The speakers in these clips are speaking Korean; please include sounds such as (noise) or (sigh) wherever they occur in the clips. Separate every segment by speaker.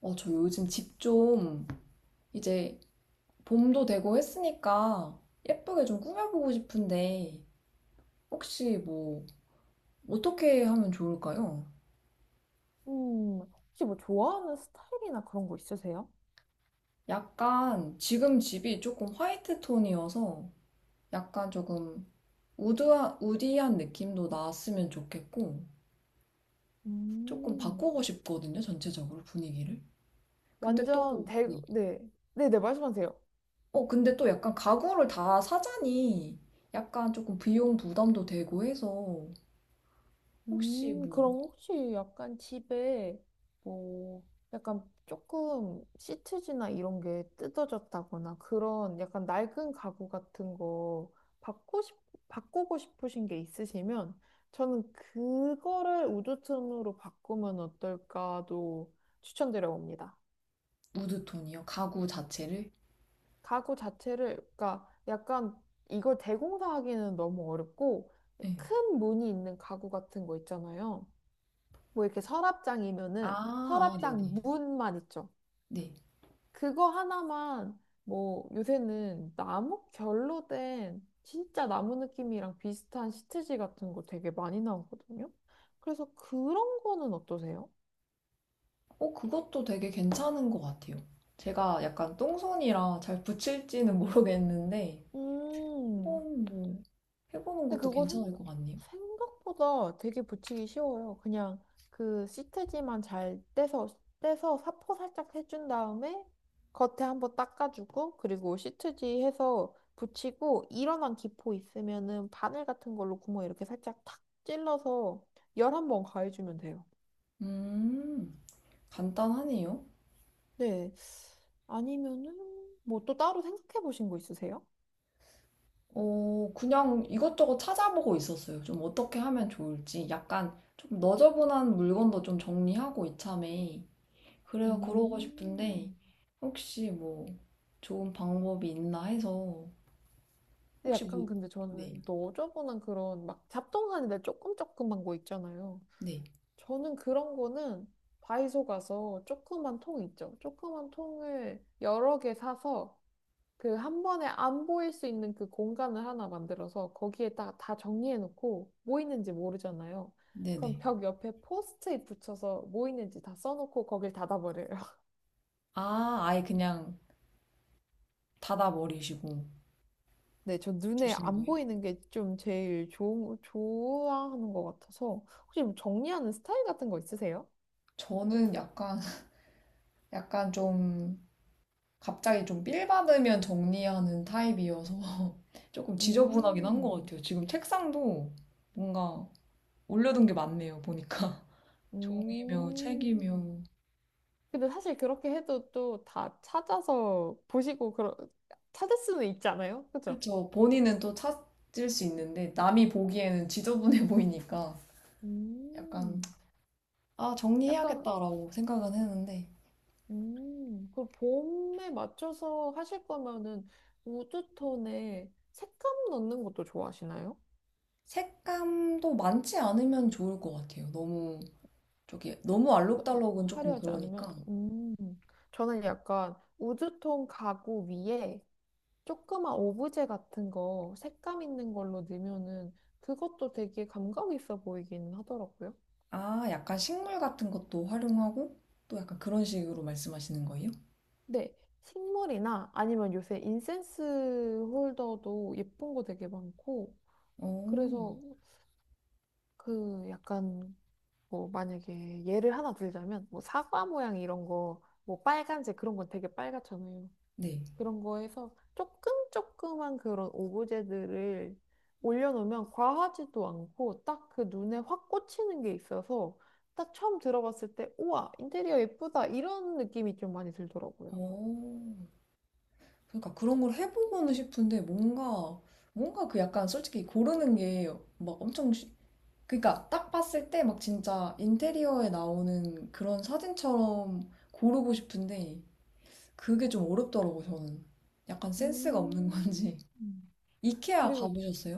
Speaker 1: 저 요즘 집 좀 이제 봄도 되고 했으니까 예쁘게 좀 꾸며보고 싶은데 혹시 뭐 어떻게 하면 좋을까요?
Speaker 2: 음, 혹시 뭐 좋아하는 스타일이나 그런 거 있으세요?
Speaker 1: 약간 지금 집이 조금 화이트 톤이어서 약간 조금 우디한 느낌도 나왔으면 좋겠고 조금
Speaker 2: 음,
Speaker 1: 바꾸고 싶거든요, 전체적으로 분위기를. 근데 또, 네.
Speaker 2: 네. 네네, 말씀하세요.
Speaker 1: 근데 또 약간 가구를 다 사자니 약간 조금 비용 부담도 되고 해서 혹시
Speaker 2: 그럼
Speaker 1: 뭐
Speaker 2: 혹시 약간 집에 뭐, 약간 조금 시트지나 이런 게 뜯어졌다거나 그런 약간 낡은 가구 같은 거 바꾸 싶, 바꾸고 싶으신 게 있으시면 저는 그거를 우드톤으로 바꾸면 어떨까도 추천드려 봅니다.
Speaker 1: 우드톤이요? 가구 자체를?
Speaker 2: 가구 자체를, 그러니까 약간 이걸 대공사하기는 너무 어렵고,
Speaker 1: 네.
Speaker 2: 큰 문이 있는 가구 같은 거 있잖아요. 뭐 이렇게 서랍장이면은
Speaker 1: 아, 아,
Speaker 2: 서랍장
Speaker 1: 네네.
Speaker 2: 문만 있죠.
Speaker 1: 네.
Speaker 2: 그거 하나만 뭐 요새는 나무 결로 된 진짜 나무 느낌이랑 비슷한 시트지 같은 거 되게 많이 나오거든요. 그래서 그런 거는 어떠세요?
Speaker 1: 그것도 되게 괜찮은 것 같아요. 제가 약간 똥손이라 잘 붙일지는 모르겠는데,
Speaker 2: 음.
Speaker 1: 한번 뭐, 해보는
Speaker 2: 근데
Speaker 1: 것도
Speaker 2: 그거
Speaker 1: 괜찮을 것 같네요.
Speaker 2: 생각보다 되게 붙이기 쉬워요. 그냥 그 시트지만 잘 떼서 사포 살짝 해준 다음에 겉에 한번 닦아주고, 그리고 시트지 해서 붙이고, 일어난 기포 있으면은 바늘 같은 걸로 구멍 이렇게 살짝 탁 찔러서 열한번 가해주면 돼요.
Speaker 1: 음, 간단하네요.
Speaker 2: 네. 아니면은 뭐 또 따로 생각해 보신 거 있으세요?
Speaker 1: 그냥 이것저것 찾아보고 있었어요. 좀 어떻게 하면 좋을지. 약간 좀 너저분한 물건도 좀 정리하고 이참에. 그래요, 그러고 싶은데,
Speaker 2: 음.
Speaker 1: 혹시 뭐, 좋은 방법이 있나 해서
Speaker 2: 근데
Speaker 1: 혹시
Speaker 2: 약간
Speaker 1: 뭐,
Speaker 2: 근데
Speaker 1: 네,
Speaker 2: 저는 너저분한 그런 막 잡동사니데 조금 조그만 거 있잖아요.
Speaker 1: 네,
Speaker 2: 저는 그런 거는 다이소 가서 조그만 통 있죠. 조그만 통을 여러 개 사서 그 한 번에 안 보일 수 있는 그 공간을 하나 만들어서 거기에다가 다 정리해 놓고 뭐 있는지 모르잖아요. 그럼
Speaker 1: 네네.
Speaker 2: 벽 옆에 포스트잇 붙여서 뭐 있는지 다 써놓고 거길 닫아버려요.
Speaker 1: 아, 아예 그냥 닫아버리시고.
Speaker 2: 네, 저 눈에
Speaker 1: 두시는
Speaker 2: 안
Speaker 1: 거예요?
Speaker 2: 보이는 게 좀 제일 좋아하는 것 같아서. 혹시 뭐 정리하는 스타일 같은 거 있으세요?
Speaker 1: 저는 약간, (laughs) 약간 좀, 갑자기 좀 빌 받으면 정리하는 타입이어서 (laughs) 조금 지저분하긴 한 것
Speaker 2: 음,
Speaker 1: 같아요. 지금 책상도 뭔가 올려둔 게 많네요, 보니까. (laughs) 종이며,
Speaker 2: 음.
Speaker 1: 책이며.
Speaker 2: 근데 사실 그렇게 해도 또 다 찾아서 보시고, 찾을 수는 있지 않아요? 그죠?
Speaker 1: 그쵸. 본인은 또 찾을 수 있는데, 남이 보기에는 지저분해 (laughs) 보이니까 약간,
Speaker 2: 음,
Speaker 1: 아,
Speaker 2: 약간,
Speaker 1: 정리해야겠다라고 생각은 했는데,
Speaker 2: 그 봄에 맞춰서 하실 거면은 우드톤에 색감 넣는 것도 좋아하시나요?
Speaker 1: 색감도 많지 않으면 좋을 것 같아요. 너무 저기 너무
Speaker 2: 너-
Speaker 1: 알록달록은 조금
Speaker 2: 화려하지 않으면
Speaker 1: 그러니까
Speaker 2: 저는 약간 우드톤 가구 위에 조그만 오브제 같은 거 색감 있는 걸로 넣으면은 그것도 되게 감각 있어 보이긴 하더라고요.
Speaker 1: 아 약간 식물 같은 것도 활용하고 또 약간 그런 식으로 말씀하시는 거예요?
Speaker 2: 네. 식물이나 아니면 요새 인센스 홀더도 예쁜 거 되게 많고
Speaker 1: 오,
Speaker 2: 그래서 그 약간 뭐 만약에 예를 하나 들자면 뭐 사과 모양 이런 거 뭐 빨간색 그런 건 되게 빨갛잖아요.
Speaker 1: 네.
Speaker 2: 그런 거에서 조금 조그만 그런 오브제들을 올려놓으면 과하지도 않고 딱 그 눈에 확 꽂히는 게 있어서 딱 처음 들어봤을 때 우와 인테리어 예쁘다 이런 느낌이 좀 많이 들더라고요.
Speaker 1: 오, 그러니까 그런 걸 해보고는 싶은데 뭔가 그 약간 솔직히 고르는 게 막 엄청 그러니까 딱 봤을 때 막 진짜 인테리어에 나오는 그런 사진처럼 고르고 싶은데 그게 좀 어렵더라고 저는. 약간 센스가 없는 건지.
Speaker 2: 음. 음.
Speaker 1: 이케아
Speaker 2: 그리고
Speaker 1: 가보셨어요?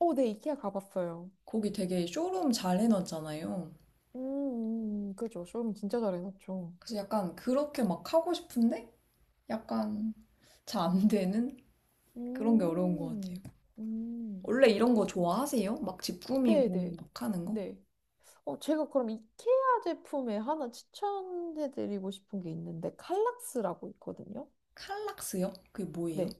Speaker 2: 네 이케아 가봤어요.
Speaker 1: 거기 되게 쇼룸 잘 해놨잖아요.
Speaker 2: 그죠. 쇼룸 진짜 잘해놨죠.
Speaker 1: 그래서 약간 그렇게 막 하고 싶은데 약간 잘 안 되는 그런 게 어려운 것
Speaker 2: 음,
Speaker 1: 같아요.
Speaker 2: 음,
Speaker 1: 원래 이런 거
Speaker 2: 이,
Speaker 1: 좋아하세요? 막 집
Speaker 2: 네,
Speaker 1: 꾸미고
Speaker 2: 네,
Speaker 1: 막 하는 거?
Speaker 2: 네. 제가 그럼 이케아 제품에 하나 추천해드리고 싶은 게 있는데 칼락스라고 있거든요.
Speaker 1: 칼락스요? 그게 뭐예요?
Speaker 2: 네.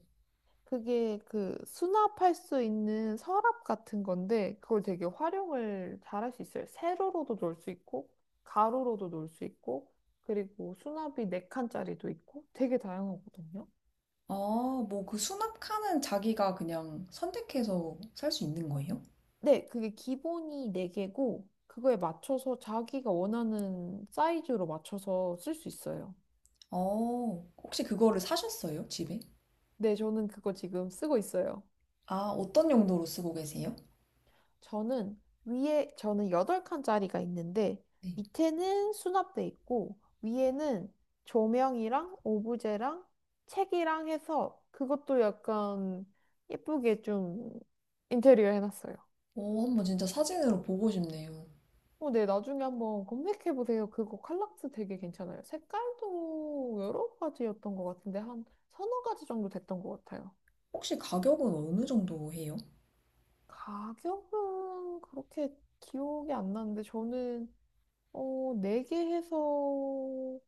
Speaker 2: 그게 그 수납할 수 있는 서랍 같은 건데 그걸 되게 활용을 잘할 수 있어요. 세로로도 놓을 수 있고 가로로도 놓을 수 있고 그리고 수납이 네칸짜리도 있고 되게 다양하거든요.
Speaker 1: 아, 뭐 그 수납칸은 자기가 그냥 선택해서 살 수 있는 거예요?
Speaker 2: 네, 그게 기본이 네개고 그거에 맞춰서 자기가 원하는 사이즈로 맞춰서 쓸 수 있어요.
Speaker 1: 어, 혹시 그거를 사셨어요? 집에?
Speaker 2: 네, 저는 그거 지금 쓰고 있어요.
Speaker 1: 아, 어떤 용도로 쓰고 계세요?
Speaker 2: 저는 위에 저는 8칸짜리가 있는데
Speaker 1: 네.
Speaker 2: 밑에는 수납돼 있고 위에는 조명이랑 오브제랑 책이랑 해서 그것도 약간 예쁘게 좀 인테리어 해놨어요.
Speaker 1: 오, 한번 진짜 사진으로 보고 싶네요.
Speaker 2: 네, 나중에 한번 검색해보세요. 그거 칼락스 되게 괜찮아요. 색깔도 여러 가지였던 것 같은데 한 서너 가지 정도 됐던 것 같아요.
Speaker 1: 혹시 가격은 어느 정도 해요?
Speaker 2: 가격은 그렇게 기억이 안 나는데 저는 어, 4개 해서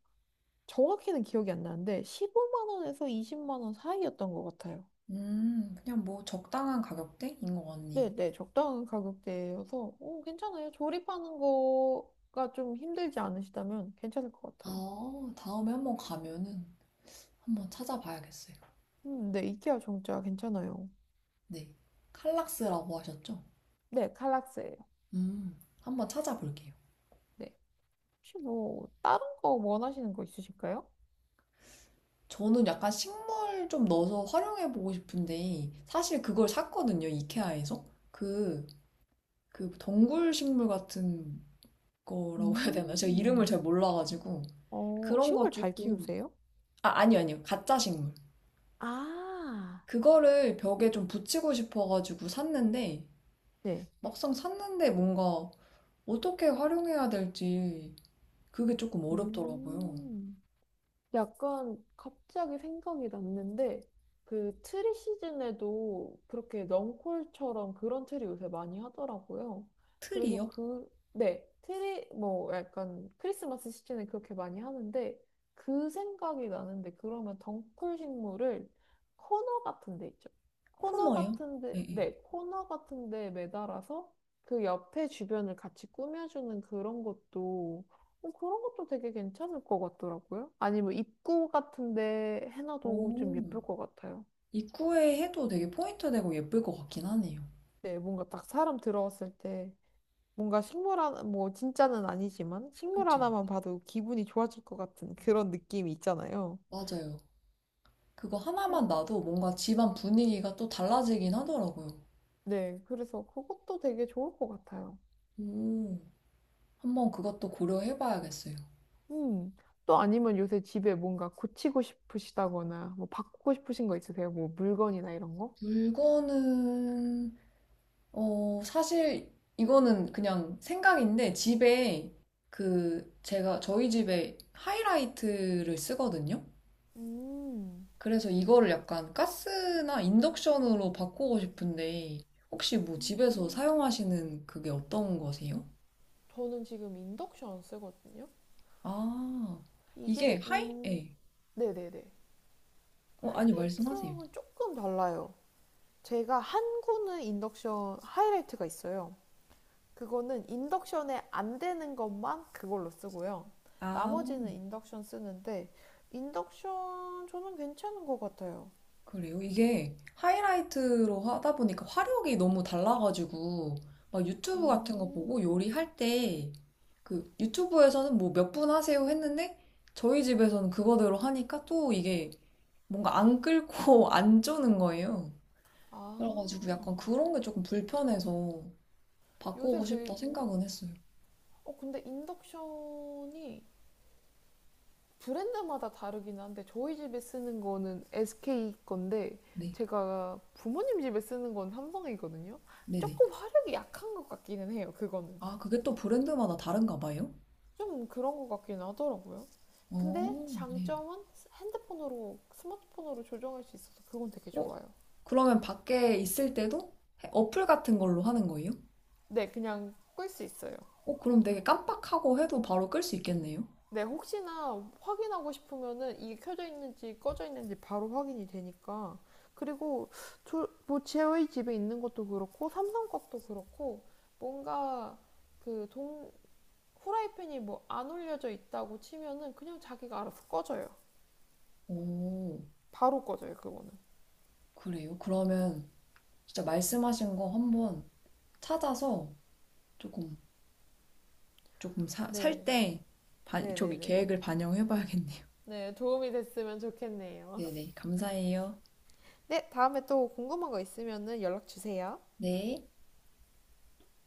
Speaker 2: 정확히는 기억이 안 나는데 15만 원에서 20만 원 사이였던 것 같아요.
Speaker 1: 그냥 뭐 적당한 가격대인 것 같네요.
Speaker 2: 네, 네, 적당한 가격대여서 괜찮아요. 조립하는 거가 좀 힘들지 않으시다면 괜찮을 것 같아요.
Speaker 1: 아, 다음에 한번 가면은 한번 찾아봐야겠어요.
Speaker 2: 네, 이케아 정자 괜찮아요.
Speaker 1: 네. 칼락스라고 하셨죠?
Speaker 2: 네, 칼락스예요.
Speaker 1: 한번 찾아볼게요.
Speaker 2: 네, 혹시 뭐 다른 거 원하시는 거 있으실까요?
Speaker 1: 저는 약간 식물 좀 넣어서 활용해보고 싶은데, 사실 그걸 샀거든요, 이케아에서. 그, 그 덩굴 식물 같은 거라고 해야 되나? 제가 이름을 잘
Speaker 2: 음,
Speaker 1: 몰라가지고. 그런 거
Speaker 2: 식물 잘
Speaker 1: 조금.
Speaker 2: 키우세요?
Speaker 1: 아, 아니요, 아니요. 가짜 식물.
Speaker 2: 아,
Speaker 1: 그거를 벽에 좀 붙이고 싶어가지고 샀는데,
Speaker 2: 네.
Speaker 1: 막상 샀는데 뭔가 어떻게 활용해야 될지 그게 조금 어렵더라고요.
Speaker 2: 음. 약간 갑자기 생각이 났는데 그 트리 시즌에도 그렇게 넝콜처럼 그런 트리 요새 많이 하더라고요. 그래서
Speaker 1: 틀이요?
Speaker 2: 그, 네, 트리 뭐 약간 크리스마스 시즌에 그렇게 많이 하는데 그 생각이 나는데 그러면 덩쿨 식물을 코너 같은 데 있죠. 코너
Speaker 1: 코너요?
Speaker 2: 같은 데,
Speaker 1: 네, 네.
Speaker 2: 네, 코너 같은 데 매달아서 그 옆에 주변을 같이 꾸며주는 그런 것도 되게 괜찮을 것 같더라고요. 아니면 입구 같은데 해놔도 좀
Speaker 1: 오,
Speaker 2: 예쁠 것 같아요.
Speaker 1: 입구에 해도 되게 포인트 되고 예쁠 것 같긴 하네요.
Speaker 2: 네, 뭔가 딱 사람 들어왔을 때 뭔가 식물 하나, 뭐 진짜는 아니지만 식물
Speaker 1: 그쵸?
Speaker 2: 하나만 봐도 기분이 좋아질 것 같은 그런 느낌이 있잖아요.
Speaker 1: 맞아요. 그거
Speaker 2: 음,
Speaker 1: 하나만 놔도 뭔가 집안 분위기가 또 달라지긴 하더라고요.
Speaker 2: 네, 그래서 그것도 되게 좋을 것 같아요.
Speaker 1: 오, 한번 그것도 고려해봐야겠어요.
Speaker 2: 음, 또 아니면 요새 집에 뭔가 고치고 싶으시다거나 뭐 바꾸고 싶으신 거 있으세요? 뭐 물건이나 이런 거?
Speaker 1: 물건은 사실 이거는 그냥 생각인데 집에 그 제가 저희 집에 하이라이트를 쓰거든요.
Speaker 2: 음,
Speaker 1: 그래서 이거를 약간 가스나 인덕션으로 바꾸고 싶은데 혹시 뭐 집에서 사용하시는 그게 어떤 거세요?
Speaker 2: 저는 지금 인덕션 쓰거든요.
Speaker 1: 아, 이게
Speaker 2: 이게,
Speaker 1: 하이? 예.
Speaker 2: 네네네.
Speaker 1: 아니 말씀하세요.
Speaker 2: 하이라이트랑은 조금 달라요. 제가 한 구는 인덕션 하이라이트가 있어요. 그거는 인덕션에 안 되는 것만 그걸로 쓰고요. 나머지는 인덕션 쓰는데, 인덕션 저는 괜찮은 것 같아요.
Speaker 1: 그래요? 이게 하이라이트로 하다 보니까 화력이 너무 달라가지고, 막 유튜브 같은 거 보고
Speaker 2: 음,
Speaker 1: 요리할 때, 그 유튜브에서는 뭐 몇 분 하세요 했는데, 저희 집에서는 그거대로 하니까 또 이게 뭔가 안 끓고 (laughs) 안 쪼는 거예요.
Speaker 2: 아,
Speaker 1: 그래가지고 약간 그런 게 조금 불편해서
Speaker 2: 요새
Speaker 1: 바꾸고 싶다
Speaker 2: 그리고,
Speaker 1: 생각은 했어요.
Speaker 2: 근데 인덕션이 브랜드마다 다르긴 한데 저희 집에 쓰는 거는 SK 건데
Speaker 1: 네,
Speaker 2: 제가 부모님 집에 쓰는 건 삼성이거든요.
Speaker 1: 네네.
Speaker 2: 조금 화력이 약한 것 같기는 해요. 그거는
Speaker 1: 아, 그게 또 브랜드마다 다른가 봐요?
Speaker 2: 좀 그런 것 같긴 하더라고요. 근데
Speaker 1: 어, 네.
Speaker 2: 장점은 핸드폰으로 스마트폰으로 조정할 수 있어서 그건 되게
Speaker 1: 어,
Speaker 2: 좋아요.
Speaker 1: 그러면 밖에 있을 때도 어플 같은 걸로 하는 거예요?
Speaker 2: 네, 그냥 끌 수 있어요.
Speaker 1: 그럼 되게 깜빡하고 해도 바로 끌 수 있겠네요?
Speaker 2: 네, 혹시나 확인하고 싶으면은 이게 켜져 있는지 꺼져 있는지 바로 확인이 되니까. 그리고 뭐 저희 집에 있는 것도 그렇고 삼성 것도 그렇고 뭔가 그 동, 후라이팬이 뭐 안 올려져 있다고 치면은 그냥 자기가 알아서 꺼져요.
Speaker 1: 오,
Speaker 2: 바로 꺼져요, 그거는.
Speaker 1: 그래요? 그러면 진짜 말씀하신 거 한번 찾아서 조금, 조금 살
Speaker 2: 네.
Speaker 1: 때, 저기
Speaker 2: 네네네.
Speaker 1: 계획을 반영해 봐야겠네요. (laughs)
Speaker 2: 네, 도움이 됐으면 좋겠네요.
Speaker 1: 네네, 감사해요.
Speaker 2: 네, 다음에 또 궁금한 거 있으면은 연락 주세요.
Speaker 1: 네.